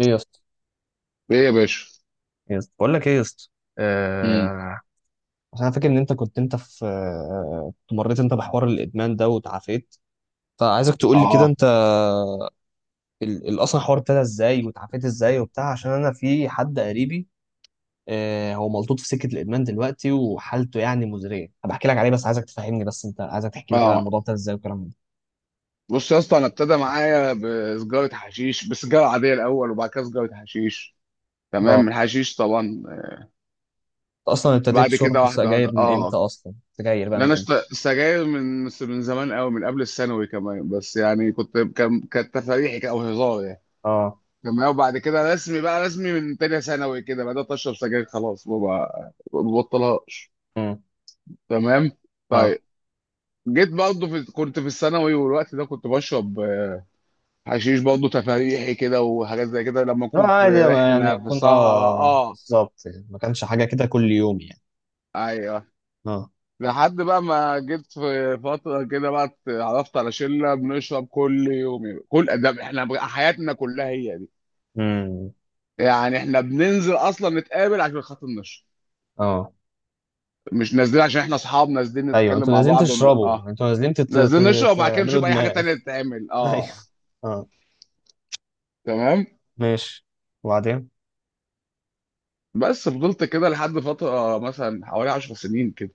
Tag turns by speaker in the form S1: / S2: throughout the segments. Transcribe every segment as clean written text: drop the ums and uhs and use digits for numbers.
S1: ايه يا اسطى،
S2: ايه يا باشا.
S1: إيه يا اسطى، بقول لك ايه يا اسطى.
S2: امم.
S1: آه... عشان انا فاكر ان انت كنت انت في آه، كنت مريت انت بحوار الادمان ده وتعافيت، فعايزك تقول لي كده
S2: اه،
S1: انت اصلا الحوار ابتدى ازاي وتعافيت ازاي وبتاع، عشان انا في حد قريبي آه هو ملطوط في سكه الادمان دلوقتي وحالته يعني مزريه. بحكي لك عليه بس عايزك تفهمني بس انت عايزك تحكي لي كده عن
S2: اه.
S1: الموضوع ابتدى ازاي والكلام ده.
S2: بص يا اسطى، انا ابتدى معايا بسجاره حشيش، بسجاره عاديه الاول، وبعد كده سجاره حشيش.
S1: اه، انت
S2: تمام، الحشيش طبعا.
S1: اصلا ابتديت
S2: بعد
S1: شرب
S2: كده واحده
S1: السجاير
S2: واحده.
S1: من
S2: اه.
S1: امتى؟ اصلا سجاير بقى
S2: لا،
S1: من
S2: انا
S1: امتى؟
S2: سجاير من زمان قوي، من قبل الثانوي كمان، بس يعني كنت كان كانت تفاريحي او هزار يعني.
S1: اه.
S2: تمام. وبعد كده رسمي، بقى رسمي من تانية ثانوي كده بدات اشرب سجاير، خلاص ما ببطلهاش.
S1: امم.
S2: تمام.
S1: اه،
S2: طيب. جيت برضه كنت في الثانوي، والوقت ده كنت بشرب حشيش برضه تفاريحي كده وحاجات زي كده لما
S1: لا
S2: اكون في
S1: عادي، ما يعني
S2: رحله في
S1: اكون
S2: صحراء.
S1: اه
S2: اه.
S1: بالظبط يعني. ما كانش حاجه كده كل يوم يعني.
S2: ايوه.
S1: اه.
S2: لحد بقى ما جيت في فتره كده بقى اتعرفت على شله بنشرب كل يوم، كل ده احنا بقى حياتنا كلها هي دي
S1: امم.
S2: يعني. احنا بننزل اصلا نتقابل عشان خاطر نشرب،
S1: اه.
S2: مش نازلين عشان احنا اصحاب نازلين
S1: ايوه
S2: نتكلم
S1: انتوا
S2: مع
S1: نازلين
S2: بعض ون... اه
S1: تشربوا، انتوا نازلين
S2: نازلين نشرب، وبعد كده
S1: تعملوا
S2: نشوف اي حاجه
S1: دماغ.
S2: تانية تتعمل.
S1: ايوه.
S2: اه.
S1: اه.
S2: تمام.
S1: ماشي. وبعدين؟
S2: بس فضلت كده لحد فترة، مثلا حوالي 10 سنين كده.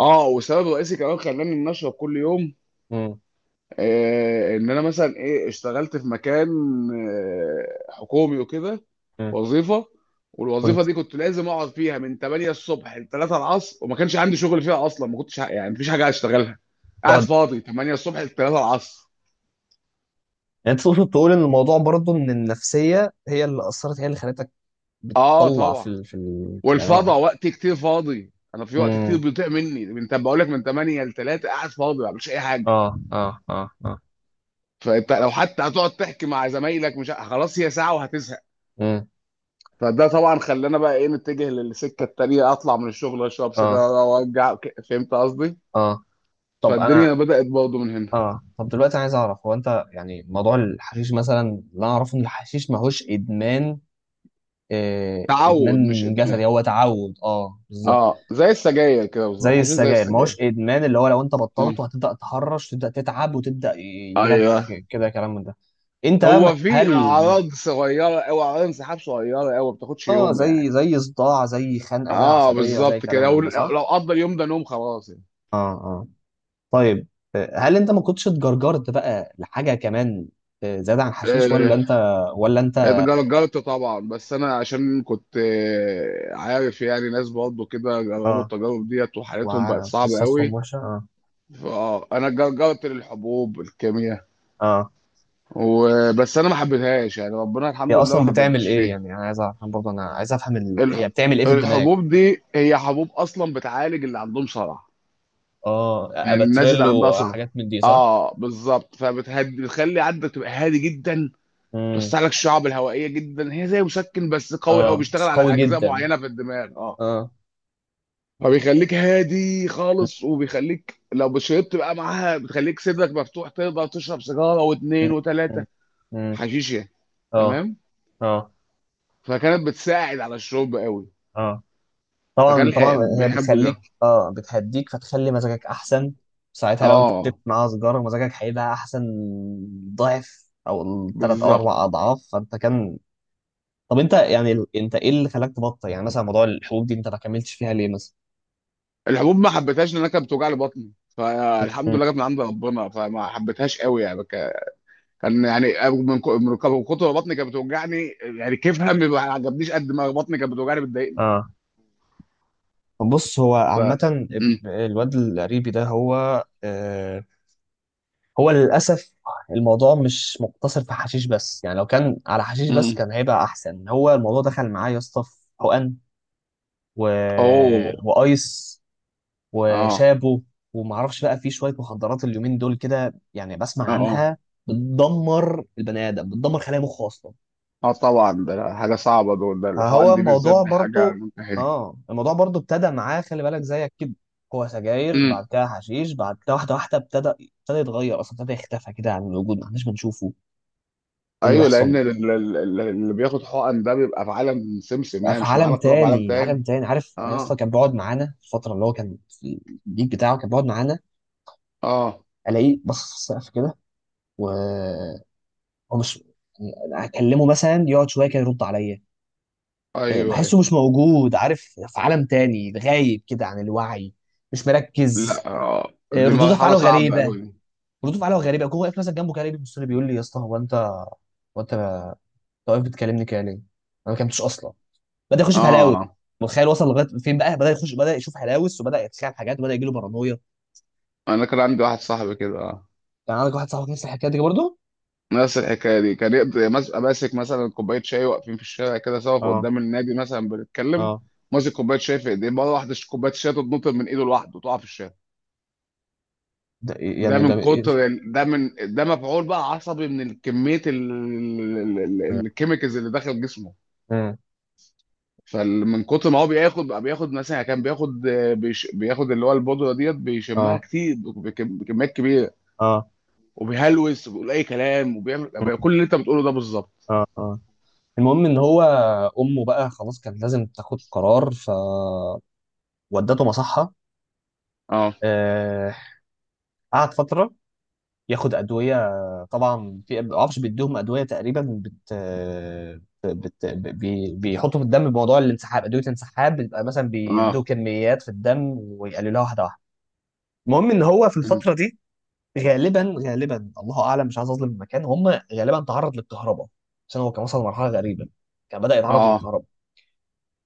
S2: اه، والسبب الرئيسي كمان خلاني ان اشرب كل يوم
S1: امم.
S2: ان انا مثلا ايه اشتغلت في مكان حكومي وكده.
S1: امم.
S2: وظيفة. والوظيفة
S1: كنت
S2: دي كنت لازم اقعد فيها من 8 الصبح ل 3 العصر، وما كانش عندي شغل فيها اصلا، ما كنتش يعني مفيش حاجة اشتغلها. قاعد
S1: تقعد.
S2: فاضي 8 الصبح ل 3 العصر.
S1: يعني تقصد تقول ان الموضوع برضه ان النفسيه هي اللي اثرت، هي اللي خلتك
S2: اه
S1: بتطلع
S2: طبعا.
S1: يعني
S2: والفضا
S1: اه.
S2: وقت كتير فاضي، انا في وقت كتير
S1: امم.
S2: بيضيع مني، بقول لك من 8 ل 3 قاعد فاضي ما بعملش اي حاجة.
S1: اه اه اه اه.
S2: فانت لو حتى هتقعد تحكي مع زمايلك، مش خلاص، هي ساعه وهتزهق.
S1: امم.
S2: فده طبعا خلانا بقى ايه نتجه للسكه التانيه، اطلع من الشغل اشرب
S1: اه
S2: سيجاره وارجع فهمت قصدي؟
S1: اه. طب انا.
S2: فالدنيا بدات برضه من هنا.
S1: اه، طب دلوقتي عايز اعرف، هو انت يعني موضوع الحشيش مثلا اللي انا اعرفه ان الحشيش ماهوش ادمان، ادمان
S2: تعود مش ادمان.
S1: جسدي، هو تعود اه بالظبط.
S2: اه، زي السجاير كده بالظبط،
S1: زي
S2: عشان زي
S1: السجاير
S2: السجاير.
S1: ماهوش ادمان، اللي هو لو انت
S2: آه.
S1: بطلته هتبدا تهرش، تبدا تتعب وتبدا يجيلك
S2: ايوه،
S1: كده كلام من ده. انت بقى
S2: هو في
S1: هل
S2: اعراض صغيره او اعراض انسحاب صغيره قوي، ما بتاخدش
S1: اه،
S2: يوم يعني.
S1: زي زي صداع، زي خنقه، زي
S2: اه،
S1: عصبيه، زي
S2: بالظبط كده،
S1: كلام من
S2: لو
S1: ده صح؟
S2: لو قضى اليوم ده نوم خلاص يعني.
S1: اه اه. طيب. هل انت ما كنتش اتجرجرت بقى لحاجه كمان زياده عن حشيش، ولا
S2: آه.
S1: انت، ولا انت.
S2: جربت طبعا، بس انا عشان كنت عارف، يعني ناس برضه كده جربوا
S1: اه.
S2: التجارب ديت وحالتهم بقت صعبه
S1: وقصصهم
S2: قوي.
S1: وحشه اه.
S2: فاه انا جربت للحبوب الكيمياء،
S1: اه.
S2: وبس انا ما حبيتهاش، يعني ربنا
S1: هي
S2: الحمد لله ما
S1: اصلا بتعمل
S2: حببنيش
S1: ايه
S2: فيها.
S1: يعني؟ انا عايز افهم برضه، انا عايز افهم
S2: الح-
S1: هي بتعمل ايه في الدماغ؟
S2: الحبوب دي هي حبوب اصلا بتعالج اللي عندهم صرع،
S1: اه،
S2: يعني الناس اللي
S1: اباتريل
S2: عندها صرع.
S1: وحاجات من دي صح.
S2: اه، بالظبط، فبتهدي، بتخلي عندك تبقى هادي جدا، توسع
S1: امم.
S2: لك الشعب الهوائيه جدا، هي زي مسكن بس قوي قوي
S1: اه
S2: بيشتغل
S1: بس
S2: على
S1: قوي
S2: اجزاء
S1: جدا.
S2: معينه في الدماغ. اه.
S1: اه.
S2: فبيخليك هادي
S1: مم.
S2: خالص، وبيخليك لو شربت بقى معاها بتخليك صدرك مفتوح، تقدر تشرب سيجاره واثنين
S1: مم.
S2: وثلاثه
S1: مم.
S2: حشيش يعني.
S1: اه.
S2: تمام.
S1: اه
S2: فكانت بتساعد على الشرب قوي.
S1: اه.
S2: فكان
S1: طبعا طبعا. هي
S2: بيحبوا ده.
S1: بتخليك اه بتهديك فتخلي مزاجك احسن. ساعتها لو انت شربت
S2: اه،
S1: معاها سيجاره مزاجك هيبقى احسن، ضعف او ثلاث او
S2: بالظبط.
S1: اربع اضعاف، فانت كان. طب انت يعني انت ايه اللي خلاك تبطل؟ يعني مثلا موضوع الحبوب دي انت ما كملتش فيها ليه مثلا؟
S2: الحبوب ما حبيتهاش لان انا كانت بتوجع لي بطني، فالحمد
S1: مم.
S2: لله جت من عند ربنا، فما حبيتهاش قوي، يعني كان يعني من كتر ما بطني كانت بتوجعني، يعني كيفها ما عجبنيش قد ما بطني كانت بتوجعني بتضايقني.
S1: اه. بص هو
S2: ف
S1: عامة
S2: م-
S1: الواد القريبي ده هو هو للأسف الموضوع مش مقتصر في حشيش بس. يعني لو كان على حشيش بس
S2: م.
S1: كان هيبقى أحسن، هو الموضوع دخل معاه يا اسطى في حقن و...
S2: اوه.
S1: وأيس
S2: اه،
S1: وشابو ومعرفش بقى في شوية مخدرات اليومين دول كده، يعني بسمع
S2: اه، اه.
S1: عنها بتدمر البني آدم، بتدمر خلايا مخه أصلا.
S2: اه طبعا، ده حاجه صعبه دول، ده
S1: هو
S2: الحقن دي بالذات
S1: الموضوع
S2: دي حاجه
S1: برضو،
S2: منتهيه.
S1: اه الموضوع برضو ابتدى معاه خلي بالك زيك كده، هو سجاير، بعد
S2: امم.
S1: كده حشيش، بعد كده واحده واحده ابتدى يتغير، اصلا ابتدى يختفى كده عن الوجود، ما احناش بنشوفه. إيه اللي
S2: ايوه،
S1: بيحصل له؟
S2: لان اللي بياخد حقن ده بيبقى في عالم سمسم
S1: بقى
S2: يعني،
S1: في
S2: مش
S1: عالم
S2: معانا، قوي في عالم
S1: تاني، عالم
S2: تاني.
S1: تاني. عارف انا
S2: اه،
S1: اصلا كان بيقعد معانا في الفتره اللي هو كان في البيت بتاعه، كان بيقعد معانا،
S2: اه.
S1: الاقيه بص في السقف كده، وهو مش، يعني اكلمه مثلا يقعد شويه كده يرد عليا إيه،
S2: ايوه،
S1: بحسه
S2: ايوه.
S1: مش موجود، عارف، في عالم تاني، غايب كده عن الوعي، مش
S2: لا،
S1: مركز.
S2: اه، دي
S1: ردود
S2: مرحله
S1: افعاله
S2: صعبه
S1: غريبه،
S2: قوي.
S1: ردود افعاله غريبه. هو واقف مثلا جنبه كده ليه، بيبص لي بيقول لي يا اسطى هو انت، أنت واقف بتكلمني كده ليه؟ انا ما كلمتش اصلا. بدا يخش
S2: اه،
S1: في هلاوس.
S2: اه.
S1: متخيل وصل لغايه فين؟ بقى بدا يخش، بدا يشوف هلاوس، وبدا يتخيل حاجات، وبدا يجي له بارانويا.
S2: انا كان عندي واحد صاحبي كده. اه،
S1: كان عندك واحد صاحبك نفس الحكايه دي برضه؟
S2: نفس الحكايه دي، كان يقدر ماسك مثلا كوبايه شاي، واقفين في الشارع كده سوا في
S1: اه
S2: قدام النادي مثلا بنتكلم،
S1: اه.
S2: ماسك كوبايه شاي في ايديه، مره واحده كوبايه الشاي تتنطر من ايده لوحده وتقع في الشارع.
S1: ده إيه يعني؟ ده إيه؟
S2: ده من ده مفعول بقى عصبي، من كميه الكيميكالز اللي داخل جسمه.
S1: مم.
S2: فمن كتر ما هو بياخد بقى، بياخد مثلا، كان بياخد بيش بياخد اللي هو البودره ديت بيشمها
S1: اه
S2: كتير بكميات كبيره،
S1: اه.
S2: وبيهلوس وبيقول اي كلام وبيعمل بقى
S1: مم.
S2: كل اللي انت بتقوله ده بالظبط.
S1: اه اه. المهم ان هو امه بقى خلاص كان لازم تاخد قرار، فودته مصحه.
S2: اه،
S1: آه، قعد فتره ياخد ادويه، طبعا في ما اعرفش، بيديهم ادويه تقريبا بيحطوا في الدم بموضوع الانسحاب، ادويه الانسحاب بيبقى مثلا
S2: اه.
S1: بيدوا كميات في الدم ويقللوها واحده واحده. المهم ان هو في
S2: أمم.
S1: الفتره دي غالبا غالبا الله اعلم، مش عايز اظلم المكان، هم غالبا تعرض للكهرباء، عشان هو كان وصل لمرحله غريبه، كان بدا يتعرض
S2: اه،
S1: للكهرباء.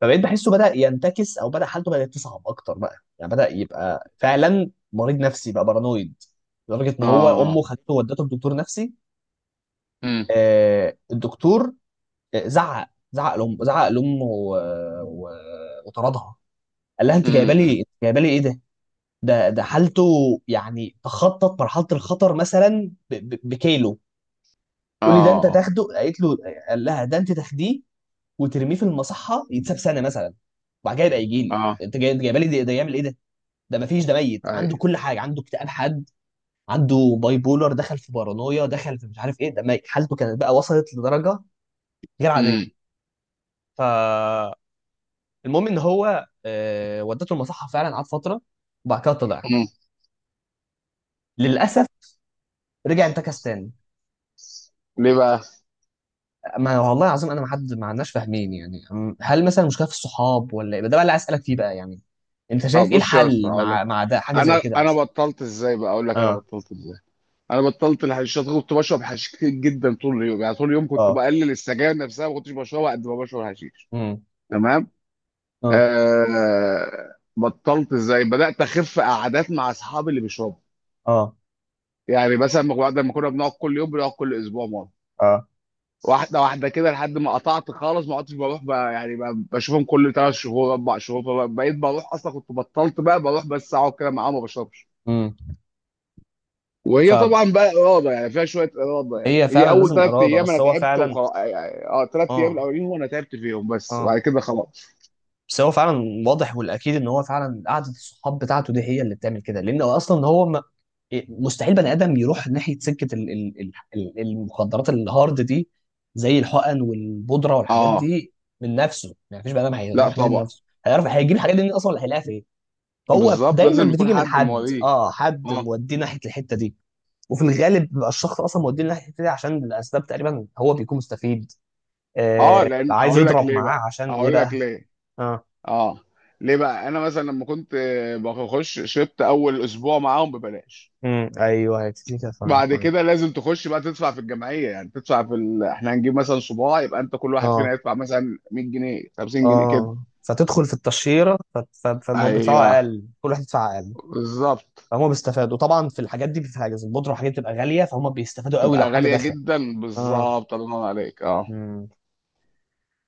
S1: فبقيت بحسه بدا ينتكس، او بدا حالته بدات تصعب اكتر بقى، يعني بدا يبقى فعلا مريض نفسي بقى، بارانويد، لدرجه ان هو امه
S2: اه.
S1: خدته ودته لدكتور نفسي.
S2: أمم،
S1: الدكتور زعق، زعق لام، زعق لامه و- وطردها، قال لها انت جايبه
S2: أمم، أمم.
S1: لي، جايبه لي ايه ده؟ ده ده حالته يعني تخطط مرحله الخطر مثلا بكيلو. تقول لي ده انت
S2: اه،
S1: تاخده، قالت له، قال لها ده انت تاخديه وترميه في المصحه يتساب سنه مثلا، وبعد كده يبقى يجي
S2: اه.
S1: لي.
S2: آه،
S1: انت جاي انت جايبه لي ده، ده يعمل ايه ده؟ ده ما فيش، ده ميت، عنده
S2: اي.
S1: كل حاجه، عنده اكتئاب حاد، عنده باي بولر، دخل في بارانويا، دخل في مش عارف ايه، ده ميت. حالته كانت بقى وصلت لدرجه غير عاديه.
S2: أمم.
S1: ف، المهم ان هو ودته المصحه فعلا، قعد فتره وبعد كده طلع.
S2: أمم.
S1: للاسف رجع انتكس تاني.
S2: ليه بقى؟
S1: ما والله العظيم انا ما حد ما عندناش فاهمين يعني، هل مثلا المشكله في الصحاب ولا ايه ده بقى اللي عايز اسالك فيه بقى يعني؟ انت
S2: اه،
S1: شايف ايه
S2: بص يا اسطى
S1: الحل
S2: هقول
S1: مع
S2: لك،
S1: مع ده حاجه زي
S2: انا
S1: كده
S2: انا
S1: مثلا؟
S2: بطلت ازاي، بقى اقول لك انا
S1: اه.
S2: بطلت ازاي. انا بطلت الحشيشات، كنت بشرب حشيش كتير جدا طول اليوم يعني، طول اليوم كنت
S1: اه.
S2: بقلل السجاير نفسها، ما كنتش بشربها قد ما بشرب حشيش.
S1: امم.
S2: تمام.
S1: اه.
S2: بطلت ازاي؟ بدات اخف قعدات مع اصحابي اللي بيشربوا،
S1: اه.
S2: يعني مثلا ما كنا لما كنا بنقعد كل يوم بنقعد كل اسبوع مره،
S1: اه.
S2: واحده واحده كده لحد ما قطعت خالص، ما عدتش بروح بقى، يعني بقى بشوفهم كل 3 شهور 4 شهور. فبقيت بروح، اصلا كنت بطلت، بقى بروح بس اقعد كده معاهم ما بشربش.
S1: امم.
S2: وهي
S1: فهي
S2: طبعا بقى اراده، يعني فيها شويه اراده، يعني هي
S1: فعلا
S2: اول
S1: لازم
S2: ثلاث
S1: اراده،
S2: ايام انا
S1: بس هو
S2: تعبت
S1: فعلا.
S2: وخلاص يعني، اه 3 ايام
S1: اه
S2: الاولين هو انا تعبت فيهم بس، وبعد
S1: اه.
S2: كده خلاص.
S1: بس هو فعلا واضح والاكيد ان هو فعلا قعده الصحاب بتاعته دي هي اللي بتعمل كده، لان هو اصلا هو ما، مستحيل بني ادم يروح ناحيه سكه المخدرات الهارد دي زي الحقن والبودره والحاجات
S2: اه.
S1: دي من نفسه. يعني مفيش بني ادم
S2: لا
S1: هيروح منين
S2: طبعا.
S1: لنفسه، هيعرف هيجيب الحاجات دي منين اصلا، ولا هيلاقيها فين؟ فهو
S2: بالظبط،
S1: دايما
S2: لازم يكون
S1: بتيجي من
S2: حد
S1: حد،
S2: مواليه.
S1: اه حد
S2: اه،
S1: موديه ناحيه الحته دي. وفي الغالب بيبقى الشخص اصلا موديه ناحيه الحته دي عشان الاسباب تقريبا هو بيكون مستفيد،
S2: اه،
S1: آه
S2: لان
S1: عايز
S2: هقول لك
S1: يضرب
S2: ليه بقى،
S1: معاه عشان ايه
S2: هقول لك
S1: بقى.
S2: ليه.
S1: اه.
S2: اه. ليه بقى؟ انا مثلا لما كنت بخش شربت اول اسبوع معاهم ببلاش،
S1: امم. ايوه هيبتدي كده فعلا
S2: بعد
S1: فعلا.
S2: كده لازم تخش بقى تدفع في الجمعيه، يعني تدفع احنا هنجيب مثلا صباع، يبقى انت كل واحد
S1: اه
S2: فينا يدفع مثلا 100 جنيه 50 جنيه كده.
S1: اه. فتدخل في التشهيره فالمواد بتاعه
S2: ايوه،
S1: اقل، كل واحد يدفع اقل.
S2: بالظبط.
S1: فهم بيستفادوا طبعا في الحاجات دي، في حاجه زي البودره والحاجات دي بتبقى غاليه فهم بيستفادوا قوي لو
S2: بتبقى
S1: حد
S2: غالية
S1: دخل.
S2: جدا
S1: اه.
S2: بالظبط، الله ينور عليك. اه.
S1: امم.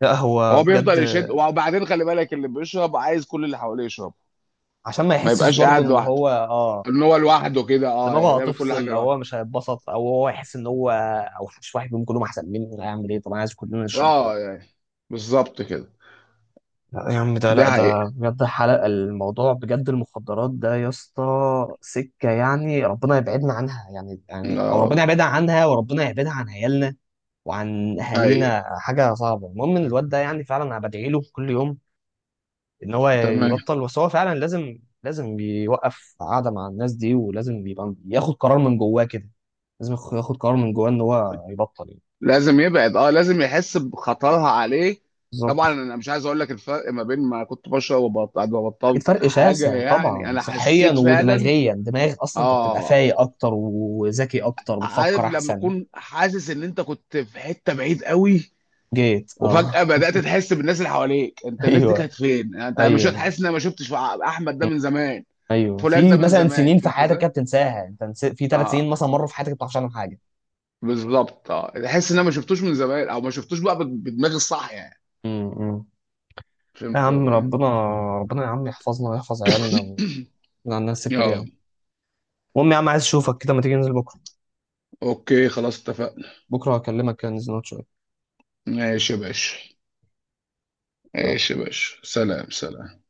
S1: لا هو
S2: هو
S1: بجد.
S2: بيفضل يشد، وبعدين خلي بالك اللي بيشرب عايز كل اللي حواليه يشرب،
S1: عشان ما
S2: ما
S1: يحسش
S2: يبقاش قاعد
S1: برضو ان
S2: لوحده،
S1: هو اه،
S2: ان هو لوحده كده، اه يعني
S1: دماغه
S2: بيعمل كل حاجة
S1: هتفصل، او
S2: لوحده.
S1: هو مش هيتبسط، او هو يحس ان هو، او مش واحد منهم، كلهم احسن مني، أنا هعمل ايه؟ طب انا عايز كلنا نشرب خلاص.
S2: اه، يعني بالظبط كده.
S1: لا يا عم ده،
S2: ده
S1: لا ده
S2: حقيقة.
S1: بجد حلقة الموضوع بجد، المخدرات ده يا اسطى سكة يعني ربنا يبعدنا عنها يعني، يعني او
S2: اه.
S1: ربنا يبعدنا عنها وربنا يبعدها عن عيالنا وعن
S2: ايوه.
S1: اهالينا، حاجة صعبة. المهم ان الواد ده يعني فعلا انا بدعي له كل يوم ان هو
S2: تمام.
S1: يبطل، بس هو فعلا لازم لازم يوقف قعدة مع الناس دي، ولازم يبقى ياخد قرار من جواه كده، لازم ياخد قرار من جواه ان هو يبطل يعني.
S2: لازم يبعد، اه لازم يحس بخطرها عليه. طبعا
S1: بالظبط.
S2: انا مش عايز اقول لك الفرق ما بين ما كنت بشرب وبطلت، بعد ما
S1: اكيد
S2: بطلت
S1: فرق
S2: حاجة
S1: شاسع
S2: يعني
S1: طبعا،
S2: انا
S1: صحيا
S2: حسيت فعلا.
S1: ودماغيا، دماغ اصلا انت بتبقى
S2: اه،
S1: فايق اكتر وذكي اكتر،
S2: عارف
S1: بتفكر
S2: لما
S1: احسن.
S2: اكون حاسس ان انت كنت في حته بعيد قوي،
S1: جيت اه.
S2: وفجاه بدات تحس بالناس اللي حواليك، انت الناس دي
S1: ايوه.
S2: كانت فين، انت مش
S1: ايوه.
S2: حاسس ان انا ما شفتش احمد ده من زمان،
S1: ايوه،
S2: فلان ده
S1: في
S2: من
S1: مثلا
S2: زمان،
S1: سنين في
S2: فهمت
S1: حياتك
S2: ازاي؟
S1: كده بتنساها، انت في ثلاث
S2: اه،
S1: سنين مثلا مروا في حياتك ما بتعرفش عنهم حاجه.
S2: بالظبط، اه تحس ان انا ما شفتوش من زمان، او ما شفتوش بقى بدماغي الصح يعني.
S1: امم. يا
S2: فهمت
S1: عم
S2: قصدي؟
S1: ربنا، ربنا يا عم يحفظنا ويحفظ عيالنا، ويجعلنا على السكه دي يا
S2: اه.
S1: عم. المهم يا عم عايز اشوفك كده، ما تيجي ننزل بكره؟
S2: اوكي خلاص اتفقنا.
S1: بكره هكلمك كده ننزل نقعد شويه.
S2: ماشي يا باشا،
S1: سلام.
S2: ماشي يا باشا، سلام سلام.